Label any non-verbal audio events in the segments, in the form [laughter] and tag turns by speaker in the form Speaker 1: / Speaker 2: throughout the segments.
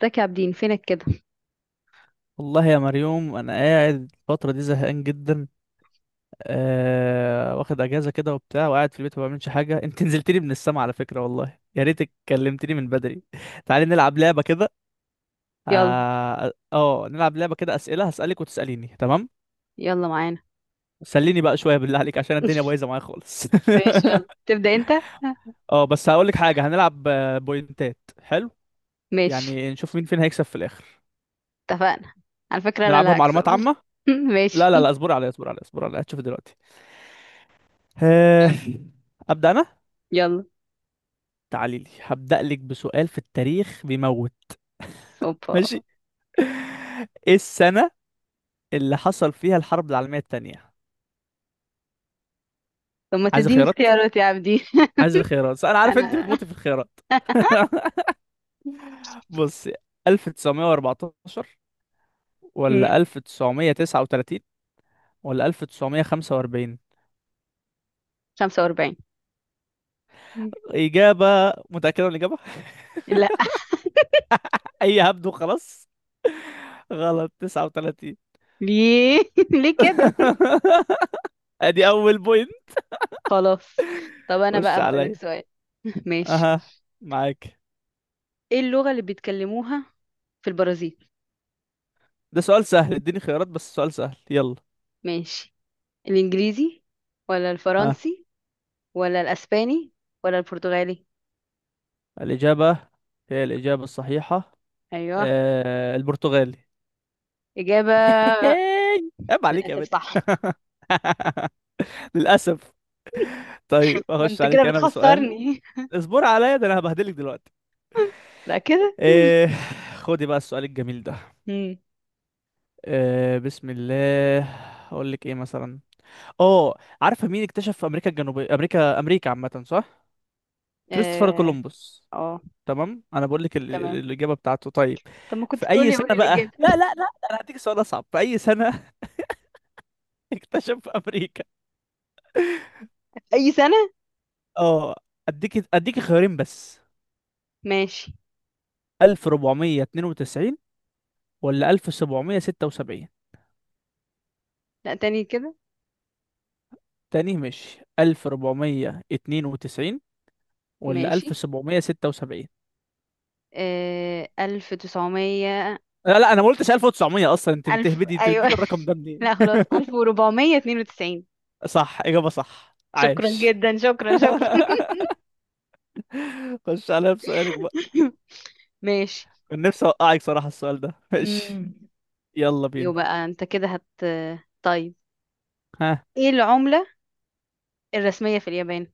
Speaker 1: تاك يا عابدين، فينك كده؟
Speaker 2: والله يا مريوم، انا قاعد الفتره دي زهقان جدا. واخد اجازه كده وبتاع وقاعد في البيت ما بعملش حاجه. [laughs] انت نزلتلي من السما على فكره، والله يا ريتك كلمتني من بدري. [laughs] تعالي نلعب لعبه كده.
Speaker 1: يلا.
Speaker 2: اه. نلعب لعبه كده، اسئله هسالك وتساليني، تمام.
Speaker 1: يلا معانا.
Speaker 2: سليني بقى شويه بالله عليك، عشان الدنيا
Speaker 1: [laughs]
Speaker 2: بايظه معايا خالص.
Speaker 1: ماشي، يلا تبدأ انت.
Speaker 2: [laughs] اه بس هقولك حاجه، هنلعب بوينتات، حلو؟
Speaker 1: ماشي.
Speaker 2: يعني نشوف مين فينا هيكسب في الاخر.
Speaker 1: اتفقنا. على فكرة انا اللي
Speaker 2: نلعبها
Speaker 1: هكسب.
Speaker 2: معلومات
Speaker 1: [laughs]
Speaker 2: عامه. لا
Speaker 1: ماشي.
Speaker 2: لا لا، اصبر عليا اصبر عليا اصبر عليا هتشوف دلوقتي. آه، [laughs] ابدا انا.
Speaker 1: يلا.
Speaker 2: تعالي لي، هبدأ لك بسؤال في التاريخ بيموت.
Speaker 1: اوبا.
Speaker 2: ماشي. [laughs] ايه السنة اللي حصل فيها الحرب العالمية التانية؟
Speaker 1: طب ما
Speaker 2: عايز
Speaker 1: تديني
Speaker 2: خيارات؟
Speaker 1: اختيارات يا عابدين.
Speaker 2: عايز الخيارات، انا
Speaker 1: [laughs]
Speaker 2: عارف انت
Speaker 1: انا.
Speaker 2: بتموتي في الخيارات. [laughs] بصي، 1914 ولا
Speaker 1: مم.
Speaker 2: 1939 ولا 1945؟
Speaker 1: 45. مم.
Speaker 2: إجابة؟ متأكدة من الإجابة؟
Speaker 1: لا.
Speaker 2: [laughs] أي هبد وخلاص. غلط، 39.
Speaker 1: ليه؟ [laughs] ليه كده؟
Speaker 2: [laughs] أدي أول بوينت.
Speaker 1: خلاص. طب انا بقى
Speaker 2: خش
Speaker 1: هقولك
Speaker 2: عليا.
Speaker 1: سؤال. ماشي.
Speaker 2: أها، معاك.
Speaker 1: ايه اللغة اللي بيتكلموها في البرازيل؟
Speaker 2: ده سؤال سهل، اديني خيارات بس، سؤال سهل، يلا.
Speaker 1: ماشي. الانجليزي ولا
Speaker 2: ها.
Speaker 1: الفرنسي ولا الاسباني ولا البرتغالي؟
Speaker 2: الإجابة، هي الإجابة الصحيحة.
Speaker 1: ايوه.
Speaker 2: آه، البرتغالي.
Speaker 1: إجابة.
Speaker 2: [laughs] عيب عليك يا
Speaker 1: للأسف
Speaker 2: بنت.
Speaker 1: صح.
Speaker 2: [laughs] للأسف. طيب
Speaker 1: ما
Speaker 2: أخش
Speaker 1: أنت كده
Speaker 2: عليك أنا بسؤال.
Speaker 1: بتخسرني.
Speaker 2: اصبر عليا، ده أنا هبهدلك دلوقتي.
Speaker 1: [laughs] بقى كده؟
Speaker 2: آه. خدي بقى السؤال الجميل ده.
Speaker 1: مم.
Speaker 2: آه، بسم الله. أقول لك إيه مثلا؟ أه، عارفة مين اكتشف أمريكا الجنوبية؟ أمريكا، أمريكا عامة، صح؟ كريستوفر
Speaker 1: اه.
Speaker 2: كولومبوس.
Speaker 1: آه،
Speaker 2: تمام، انا بقول لك
Speaker 1: تمام.
Speaker 2: الاجابه بتاعته، طيب.
Speaker 1: طب ما كنت
Speaker 2: في اي
Speaker 1: تقولي،
Speaker 2: سنه
Speaker 1: قولي
Speaker 2: بقى،
Speaker 1: الإجابة.
Speaker 2: لا
Speaker 1: [laughs]
Speaker 2: لا لا، انا هديك سؤال اصعب، في اي سنه [laughs] اكتشف امريكا؟
Speaker 1: أي سنة؟
Speaker 2: اه، اديك خيارين بس،
Speaker 1: ماشي.
Speaker 2: 1492 ولا 1776؟
Speaker 1: لا، تاني كده.
Speaker 2: تاني، ماشي، 1492 ولا
Speaker 1: ماشي.
Speaker 2: 1776؟
Speaker 1: 1900.
Speaker 2: لا لا، انا ما قلتش 1900 اصلا، انت
Speaker 1: ألف،
Speaker 2: بتهبدي، انت
Speaker 1: أيوة.
Speaker 2: بتجيب الرقم ده
Speaker 1: [laughs]
Speaker 2: منين؟
Speaker 1: لا، خلاص، 1492.
Speaker 2: صح، اجابه صح،
Speaker 1: شكرا
Speaker 2: عاش.
Speaker 1: جدا، شكرا، شكرا.
Speaker 2: [laughs] خش عليا بسؤالك بقى.
Speaker 1: [laughs] ماشي.
Speaker 2: كان نفسي اوقعك صراحه، السؤال ده ماشي.
Speaker 1: مم.
Speaker 2: يلا
Speaker 1: يو
Speaker 2: بينا.
Speaker 1: بقى، أنت كده طيب.
Speaker 2: ها.
Speaker 1: إيه العملة الرسمية في اليابان؟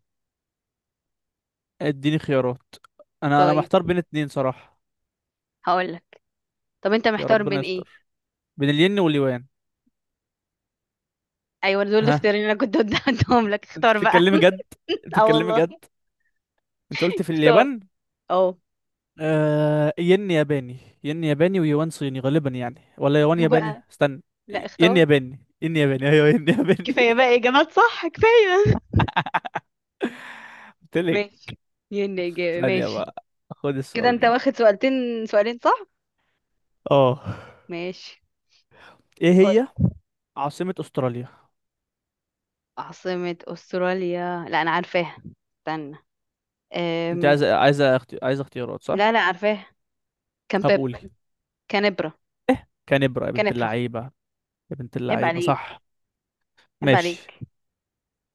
Speaker 2: اديني خيارات، انا
Speaker 1: طيب.
Speaker 2: محتار بين اتنين صراحة.
Speaker 1: هقولك. طب انت
Speaker 2: يا
Speaker 1: محتار
Speaker 2: ربنا
Speaker 1: بين ايه؟
Speaker 2: يستر، بين الين واليوان.
Speaker 1: ايوه، دول
Speaker 2: ها.
Speaker 1: الاختيارين اللي انا كنت قدامهم لك،
Speaker 2: انت
Speaker 1: اختار بقى.
Speaker 2: بتتكلمي جد؟
Speaker 1: [laughs] اه
Speaker 2: بتتكلمي
Speaker 1: والله.
Speaker 2: جد؟ انت قلت في
Speaker 1: اختار.
Speaker 2: اليابان؟
Speaker 1: اه.
Speaker 2: ين ياباني. ين ياباني ويوان صيني غالبا يعني، ولا يوان
Speaker 1: يو
Speaker 2: ياباني؟
Speaker 1: بقى.
Speaker 2: استنى.
Speaker 1: لا،
Speaker 2: ين
Speaker 1: اختار.
Speaker 2: ياباني، ين ياباني، ايوه ين ياباني.
Speaker 1: كفايه بقى، اجابات صح، كفايه.
Speaker 2: [laughs] قلت
Speaker 1: [laughs]
Speaker 2: لك.
Speaker 1: ماشي. ين، اجابه،
Speaker 2: ثانية
Speaker 1: ماشي.
Speaker 2: بقى، خد
Speaker 1: كده
Speaker 2: السؤال
Speaker 1: انت
Speaker 2: ده.
Speaker 1: واخد سؤالتين، سؤالين، صح؟
Speaker 2: اه.
Speaker 1: ماشي.
Speaker 2: ايه
Speaker 1: قول.
Speaker 2: هي عاصمة استراليا؟
Speaker 1: عاصمة استراليا؟ لا، انا عارفاها. استنى.
Speaker 2: انت
Speaker 1: أم...
Speaker 2: عايزه عايزه عايزه اختيارات صح؟
Speaker 1: لا لا، عارفاها. كامبيب.
Speaker 2: هبقولي.
Speaker 1: كانبرا.
Speaker 2: كانبرا يا بنت
Speaker 1: كانبرا.
Speaker 2: اللعيبة. يا بنت
Speaker 1: عيب
Speaker 2: اللعيبة،
Speaker 1: عليك.
Speaker 2: صح.
Speaker 1: عيب
Speaker 2: ماشي.
Speaker 1: عليك.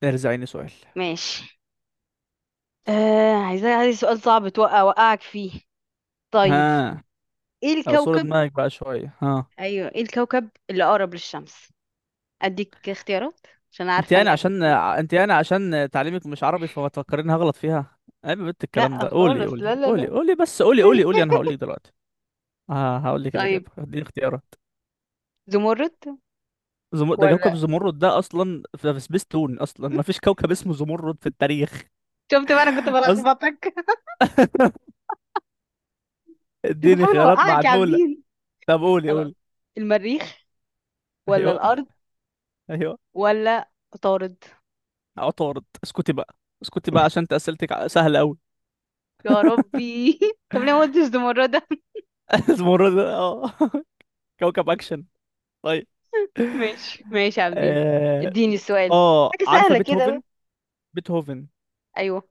Speaker 2: ارزعيني سؤال.
Speaker 1: ماشي. عايز سؤال صعب، توقع وقعك فيه. طيب.
Speaker 2: ها.
Speaker 1: ايه
Speaker 2: اعصر
Speaker 1: الكوكب.
Speaker 2: دماغك بقى شوية، ها.
Speaker 1: ايوه، ايه الكوكب اللي اقرب للشمس؟ اديك اختيارات عشان عارفه انك.
Speaker 2: انت يعني عشان تعليمك مش عربي فما تفكريني هغلط فيها. عيب يا بنت، الكلام
Speaker 1: لا،
Speaker 2: ده، قولي
Speaker 1: خالص،
Speaker 2: قولي
Speaker 1: لا لا
Speaker 2: قولي
Speaker 1: لا.
Speaker 2: قولي، بس قولي قولي قولي،
Speaker 1: [laughs]
Speaker 2: انا هقول لك دلوقتي. ها، هقول لك
Speaker 1: طيب.
Speaker 2: الإجابة، اديني اختيارات.
Speaker 1: زمرد
Speaker 2: ده كوكب
Speaker 1: ولا.
Speaker 2: زمرد؟ ده اصلا في سبيس تون، اصلا ما فيش كوكب اسمه زمرد في التاريخ.
Speaker 1: شفت بقى، انا كنت
Speaker 2: [laughs] أص...
Speaker 1: بلخبطك. [laughs] كنت
Speaker 2: اديني
Speaker 1: بحاول
Speaker 2: خيارات
Speaker 1: اوقعك يا
Speaker 2: معدولة.
Speaker 1: عابدين.
Speaker 2: طب قولي
Speaker 1: خلاص.
Speaker 2: قولي.
Speaker 1: المريخ ولا
Speaker 2: ايوه،
Speaker 1: الارض
Speaker 2: ايوه،
Speaker 1: ولا عطارد؟
Speaker 2: عطارد؟ اسكتي بقى، اسكتي بقى، عشان انت اسئلتك سهلة قوي.
Speaker 1: يا ربي. [laughs] طب ليه ما قلتش زمردة؟ [laughs]
Speaker 2: [laughs] المرة دي اه، كوكب اكشن. طيب.
Speaker 1: ماشي، ماشي يا عابدين.
Speaker 2: اه.
Speaker 1: اديني السؤال. حاجه
Speaker 2: عارفه
Speaker 1: سهله كده
Speaker 2: بيتهوفن؟
Speaker 1: بقى.
Speaker 2: بيتهوفن؟
Speaker 1: ايوه.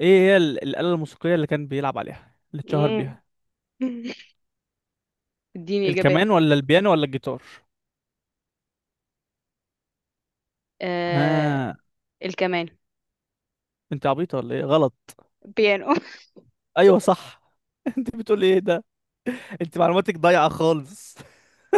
Speaker 2: ايه هي الاله الموسيقيه اللي كان بيلعب عليها اللي اتشهر
Speaker 1: مم.
Speaker 2: بيها؟
Speaker 1: [laughs] اديني اجابات.
Speaker 2: الكمان ولا البيانو ولا الجيتار؟
Speaker 1: آه...
Speaker 2: ها.
Speaker 1: الكمان.
Speaker 2: انت عبيطه ولا ايه؟ غلط.
Speaker 1: بيانو. [laughs]
Speaker 2: ايوه صح. [laughs] انت بتقول ايه ده، انت معلوماتك ضايعه خالص. [laughs]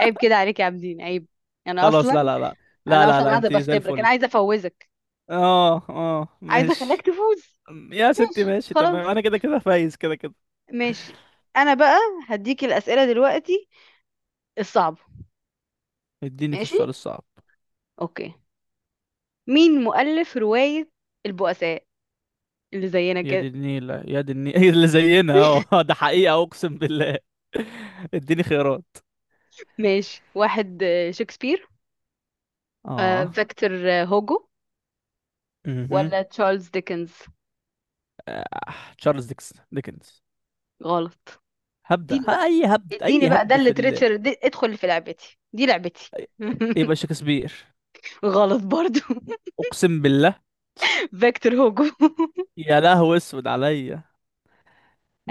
Speaker 1: عيب كده عليك يا عابدين، عيب. انا
Speaker 2: خلاص، لا
Speaker 1: اصلا.
Speaker 2: لا لا، لا لا لا،
Speaker 1: قاعده
Speaker 2: انت زي
Speaker 1: بختبرك، انا
Speaker 2: الفل.
Speaker 1: عايزه افوزك.
Speaker 2: اه اه
Speaker 1: عايزه اخليك
Speaker 2: ماشي.
Speaker 1: تفوز.
Speaker 2: يا ستي
Speaker 1: ماشي،
Speaker 2: ماشي، تمام،
Speaker 1: خلاص،
Speaker 2: انا كده كده فايز كده كده.
Speaker 1: ماشي. انا بقى هديك الاسئله دلوقتي الصعبه.
Speaker 2: اديني في
Speaker 1: ماشي.
Speaker 2: السؤال الصعب.
Speaker 1: اوكي. مين مؤلف روايه البؤساء، اللي زينا
Speaker 2: يا دي
Speaker 1: كده؟
Speaker 2: النيلة، يا دي النيلة، [laughs] هي اللي زينا
Speaker 1: [laughs]
Speaker 2: اهو، [laughs] ده حقيقة اقسم بالله. [laughs] اديني خيارات.
Speaker 1: ماشي. واحد. شكسبير.
Speaker 2: اه.
Speaker 1: فيكتور هوجو
Speaker 2: مهم.
Speaker 1: ولا تشارلز ديكنز؟
Speaker 2: آه. تشارلز ديكنز.
Speaker 1: غلط.
Speaker 2: هبدأ
Speaker 1: اديني
Speaker 2: ها،
Speaker 1: بقى.
Speaker 2: اي هبد، اي
Speaker 1: ده
Speaker 2: هبد
Speaker 1: اللي
Speaker 2: في
Speaker 1: تريتشر. دي ادخل في لعبتي، دي لعبتي. [laughs]
Speaker 2: يبقى شكسبير.
Speaker 1: غلط برضو.
Speaker 2: اقسم بالله.
Speaker 1: فيكتور هوجو. [laughs]
Speaker 2: يا لهو اسود عليا.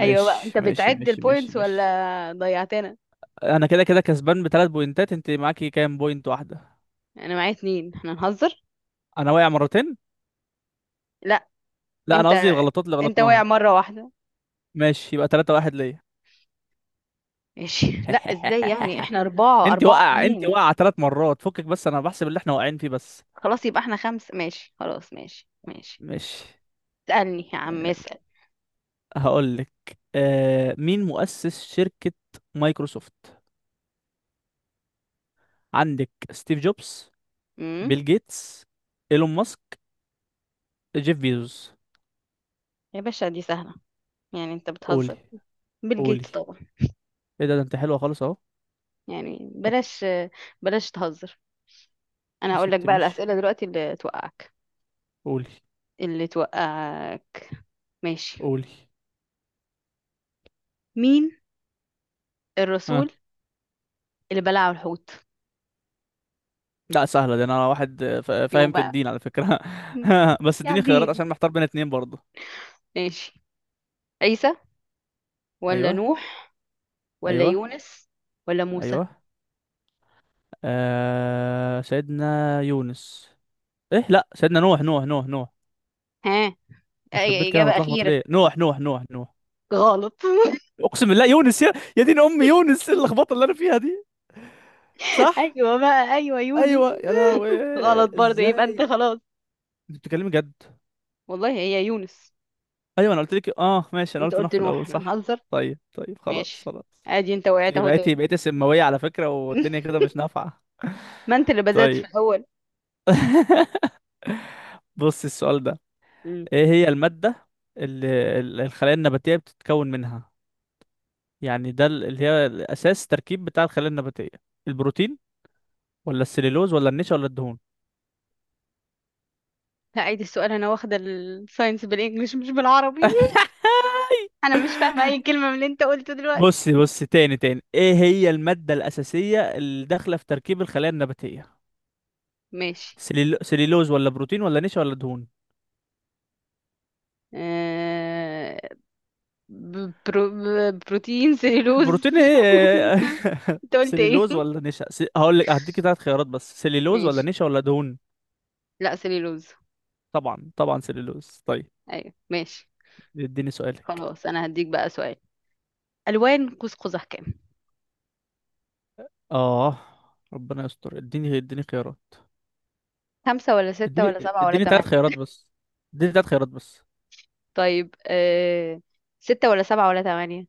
Speaker 1: ايوه بقى، انت
Speaker 2: ماشي
Speaker 1: بتعد
Speaker 2: ماشي ماشي
Speaker 1: البوينتس ولا
Speaker 2: ماشي.
Speaker 1: ضيعتنا؟
Speaker 2: انا كده كده كسبان بثلاث بوينتات، انت معاكي كام بوينت؟ واحدة.
Speaker 1: انا معايا اتنين، احنا نهزر.
Speaker 2: انا واقع مرتين.
Speaker 1: لا،
Speaker 2: لا، انا
Speaker 1: انت
Speaker 2: قصدي الغلطات اللي
Speaker 1: انت واقع
Speaker 2: غلطناها.
Speaker 1: مره واحده.
Speaker 2: ماشي، يبقى 3 واحد ليا.
Speaker 1: ماشي. [laughs] لا، ازاي يعني؟ احنا
Speaker 2: [laughs]
Speaker 1: اربعه،
Speaker 2: انت
Speaker 1: اربعه
Speaker 2: واقع، انت
Speaker 1: اتنين.
Speaker 2: واقع ثلاث مرات فكك، بس انا بحسب اللي احنا واقعين فيه بس.
Speaker 1: خلاص، يبقى احنا خمسه. ماشي، خلاص، ماشي، ماشي.
Speaker 2: مش
Speaker 1: اسالني يا عم، اسال.
Speaker 2: هقول لك. مين مؤسس شركة مايكروسوفت؟ عندك ستيف جوبز،
Speaker 1: امم
Speaker 2: بيل جيتس، ايلون ماسك، جيف بيزوس.
Speaker 1: يا باشا، دي سهله، يعني انت
Speaker 2: قولي.
Speaker 1: بتهزر. بيل
Speaker 2: قولي.
Speaker 1: جيتس طبعا.
Speaker 2: ايه ده، ده انت حلوة خالص اهو.
Speaker 1: يعني
Speaker 2: طب.
Speaker 1: بلاش. بلاش تهزر. انا
Speaker 2: يا
Speaker 1: هقول لك
Speaker 2: ستي
Speaker 1: بقى
Speaker 2: ماشي.
Speaker 1: الاسئله دلوقتي اللي توقعك،
Speaker 2: قولي.
Speaker 1: اللي توقعك. ماشي.
Speaker 2: قولي.
Speaker 1: مين الرسول
Speaker 2: ها.
Speaker 1: اللي بلعه الحوت؟
Speaker 2: لا سهلة دي، انا واحد
Speaker 1: يو
Speaker 2: فاهم في
Speaker 1: بقى.
Speaker 2: الدين على فكرة.
Speaker 1: مم.
Speaker 2: [laughs] بس
Speaker 1: يا
Speaker 2: اديني خيارات
Speaker 1: عابدين.
Speaker 2: عشان محتار بين اتنين برضه.
Speaker 1: ماشي. عيسى ولا
Speaker 2: ايوه.
Speaker 1: نوح ولا
Speaker 2: ايوه.
Speaker 1: يونس ولا موسى؟
Speaker 2: ايوه. آه، سيدنا يونس. ايه، لا، سيدنا نوح، نوح نوح نوح.
Speaker 1: ها.
Speaker 2: يخرب بيت
Speaker 1: أي
Speaker 2: كده، انا
Speaker 1: إجابة
Speaker 2: متلخبط
Speaker 1: أخيرة.
Speaker 2: ليه؟ نوح نوح نوح نوح.
Speaker 1: غلط. [laughs]
Speaker 2: اقسم بالله يونس، يا يا دين امي، يونس. إيه اللخبطه اللي انا فيها دي. صح.
Speaker 1: ايوه بقى، ايوه، يونس.
Speaker 2: ايوه يا لهوي.
Speaker 1: [laughs] غلط برضه، يبقى أنت
Speaker 2: ازاي؟
Speaker 1: خلاص.
Speaker 2: انت بتتكلمي جد؟
Speaker 1: والله هي يونس.
Speaker 2: ايوه انا قلت لك، اه ماشي، انا
Speaker 1: أنت
Speaker 2: قلت نوح
Speaker 1: قلت
Speaker 2: في
Speaker 1: نوح،
Speaker 2: الاول،
Speaker 1: إحنا
Speaker 2: صح.
Speaker 1: هنهزر.
Speaker 2: طيب طيب، خلاص
Speaker 1: ماشي.
Speaker 2: خلاص.
Speaker 1: عادي، أنت وقعت
Speaker 2: انت
Speaker 1: أهو
Speaker 2: بقيتي
Speaker 1: تاني.
Speaker 2: بقيتي سماويه على فكره، والدنيا
Speaker 1: [laughs]
Speaker 2: كده مش نافعه.
Speaker 1: ما أنت اللي بدأت في
Speaker 2: طيب،
Speaker 1: الأول.
Speaker 2: بص السؤال ده.
Speaker 1: مم.
Speaker 2: ايه هي الماده اللي الخلايا النباتيه بتتكون منها؟ يعني ده اللي هي الاساس تركيب بتاع الخلايا النباتيه. البروتين ولا السليلوز ولا النشا ولا الدهون؟
Speaker 1: هعيد السؤال، أنا واخدة الساينس بالإنجلش مش بالعربي. [laughs]
Speaker 2: [laughs]
Speaker 1: أنا مش فاهمة أي كلمة من اللي أنت قلته دلوقتي.
Speaker 2: بصي بصي، تاني تاني، ايه هي الماده الاساسيه اللي داخله في تركيب الخلايا النباتيه؟
Speaker 1: ماشي.
Speaker 2: سليلوز ولا بروتين ولا نشا ولا دهون؟
Speaker 1: آه... بروتين، سليلوز.
Speaker 2: بروتين
Speaker 1: [laughs]
Speaker 2: ايه؟ [laughs]
Speaker 1: انت قلت ايه؟
Speaker 2: سليلوز ولا نشا، هقول لك، هديكي ثلاث خيارات بس، سليلوز ولا
Speaker 1: ماشي.
Speaker 2: نشا ولا دهون؟
Speaker 1: لا، سليلوز.
Speaker 2: طبعا طبعا سليلوز، طيب.
Speaker 1: ايوه، ماشي.
Speaker 2: اديني سؤالك.
Speaker 1: خلاص، انا هديك بقى سؤال. الوان قوس قزح كام؟
Speaker 2: اه. ربنا يستر، اديني اديني خيارات.
Speaker 1: خمسة ولا ستة ولا
Speaker 2: اديني
Speaker 1: سبعة ولا
Speaker 2: اديني ثلاث
Speaker 1: تمانية؟
Speaker 2: خيارات بس. اديني ثلاث خيارات بس.
Speaker 1: طيب. ستة ولا سبعة ولا تمانية؟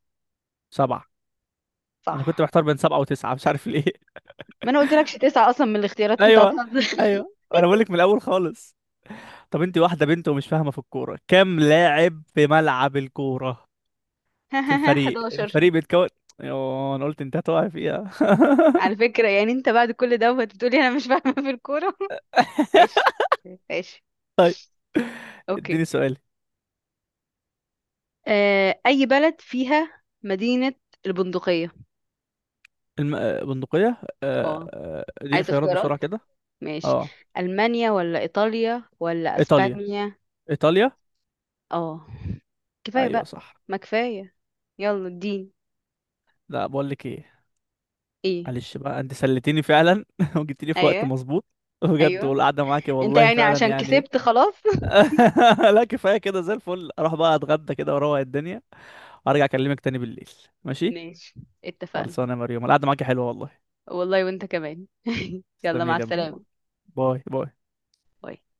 Speaker 2: سبعة. انا كنت
Speaker 1: صح.
Speaker 2: محتار بين سبعة وتسعة، مش عارف ليه. [laughs]
Speaker 1: ما انا قلت لكش تسعة اصلا من الاختيارات، انت
Speaker 2: ايوه.
Speaker 1: هتهزر.
Speaker 2: ايوه، انا بقول لك من الاول خالص. طب، انت واحدة بنت ومش فاهمة في الكورة، كام لاعب في ملعب الكورة، في
Speaker 1: [laughs]
Speaker 2: الفريق،
Speaker 1: 11.
Speaker 2: الفريق بيتكون؟ يوه، انا قلت انت هتقع فيها. [laughs]
Speaker 1: على فكرة، يعني انت بعد كل دوت بتقولي انا مش فاهمة في الكورة. [laughs] ماشي. ماشي. اوكي.
Speaker 2: اديني سؤال.
Speaker 1: اي بلد فيها مدينة البندقية؟
Speaker 2: الم... آه، بندقية،
Speaker 1: اه،
Speaker 2: اديني
Speaker 1: عايز
Speaker 2: خيارات بسرعة
Speaker 1: اختيارات.
Speaker 2: كده.
Speaker 1: ماشي.
Speaker 2: اه.
Speaker 1: ألمانيا ولا إيطاليا ولا
Speaker 2: ايطاليا،
Speaker 1: أسبانيا؟
Speaker 2: ايطاليا.
Speaker 1: اه. كفاية
Speaker 2: ايوه
Speaker 1: بقى.
Speaker 2: صح.
Speaker 1: ما كفاية. يلا اديني.
Speaker 2: لا، بقول لك ايه،
Speaker 1: ايه.
Speaker 2: معلش بقى، انت سلتني فعلا، [laughs] وجبتني في وقت
Speaker 1: ايوه.
Speaker 2: مظبوط، بجد،
Speaker 1: ايوه،
Speaker 2: والقعده معاكي
Speaker 1: انت
Speaker 2: والله
Speaker 1: يعني
Speaker 2: فعلا
Speaker 1: عشان
Speaker 2: يعني.
Speaker 1: كسبت خلاص. [laughs]
Speaker 2: [laughs] لا كفايه كده، زي الفل، اروح بقى اتغدى كده واروق الدنيا، وارجع اكلمك تاني بالليل. ماشي.
Speaker 1: ماشي. اتفقنا.
Speaker 2: خلصانه يا مريوم، القعده معاكي حلوه والله.
Speaker 1: والله وانت كمان. [laughs] يلا مع
Speaker 2: تسلمي لي يا
Speaker 1: السلامة.
Speaker 2: مريوم. باي باي.
Speaker 1: باي.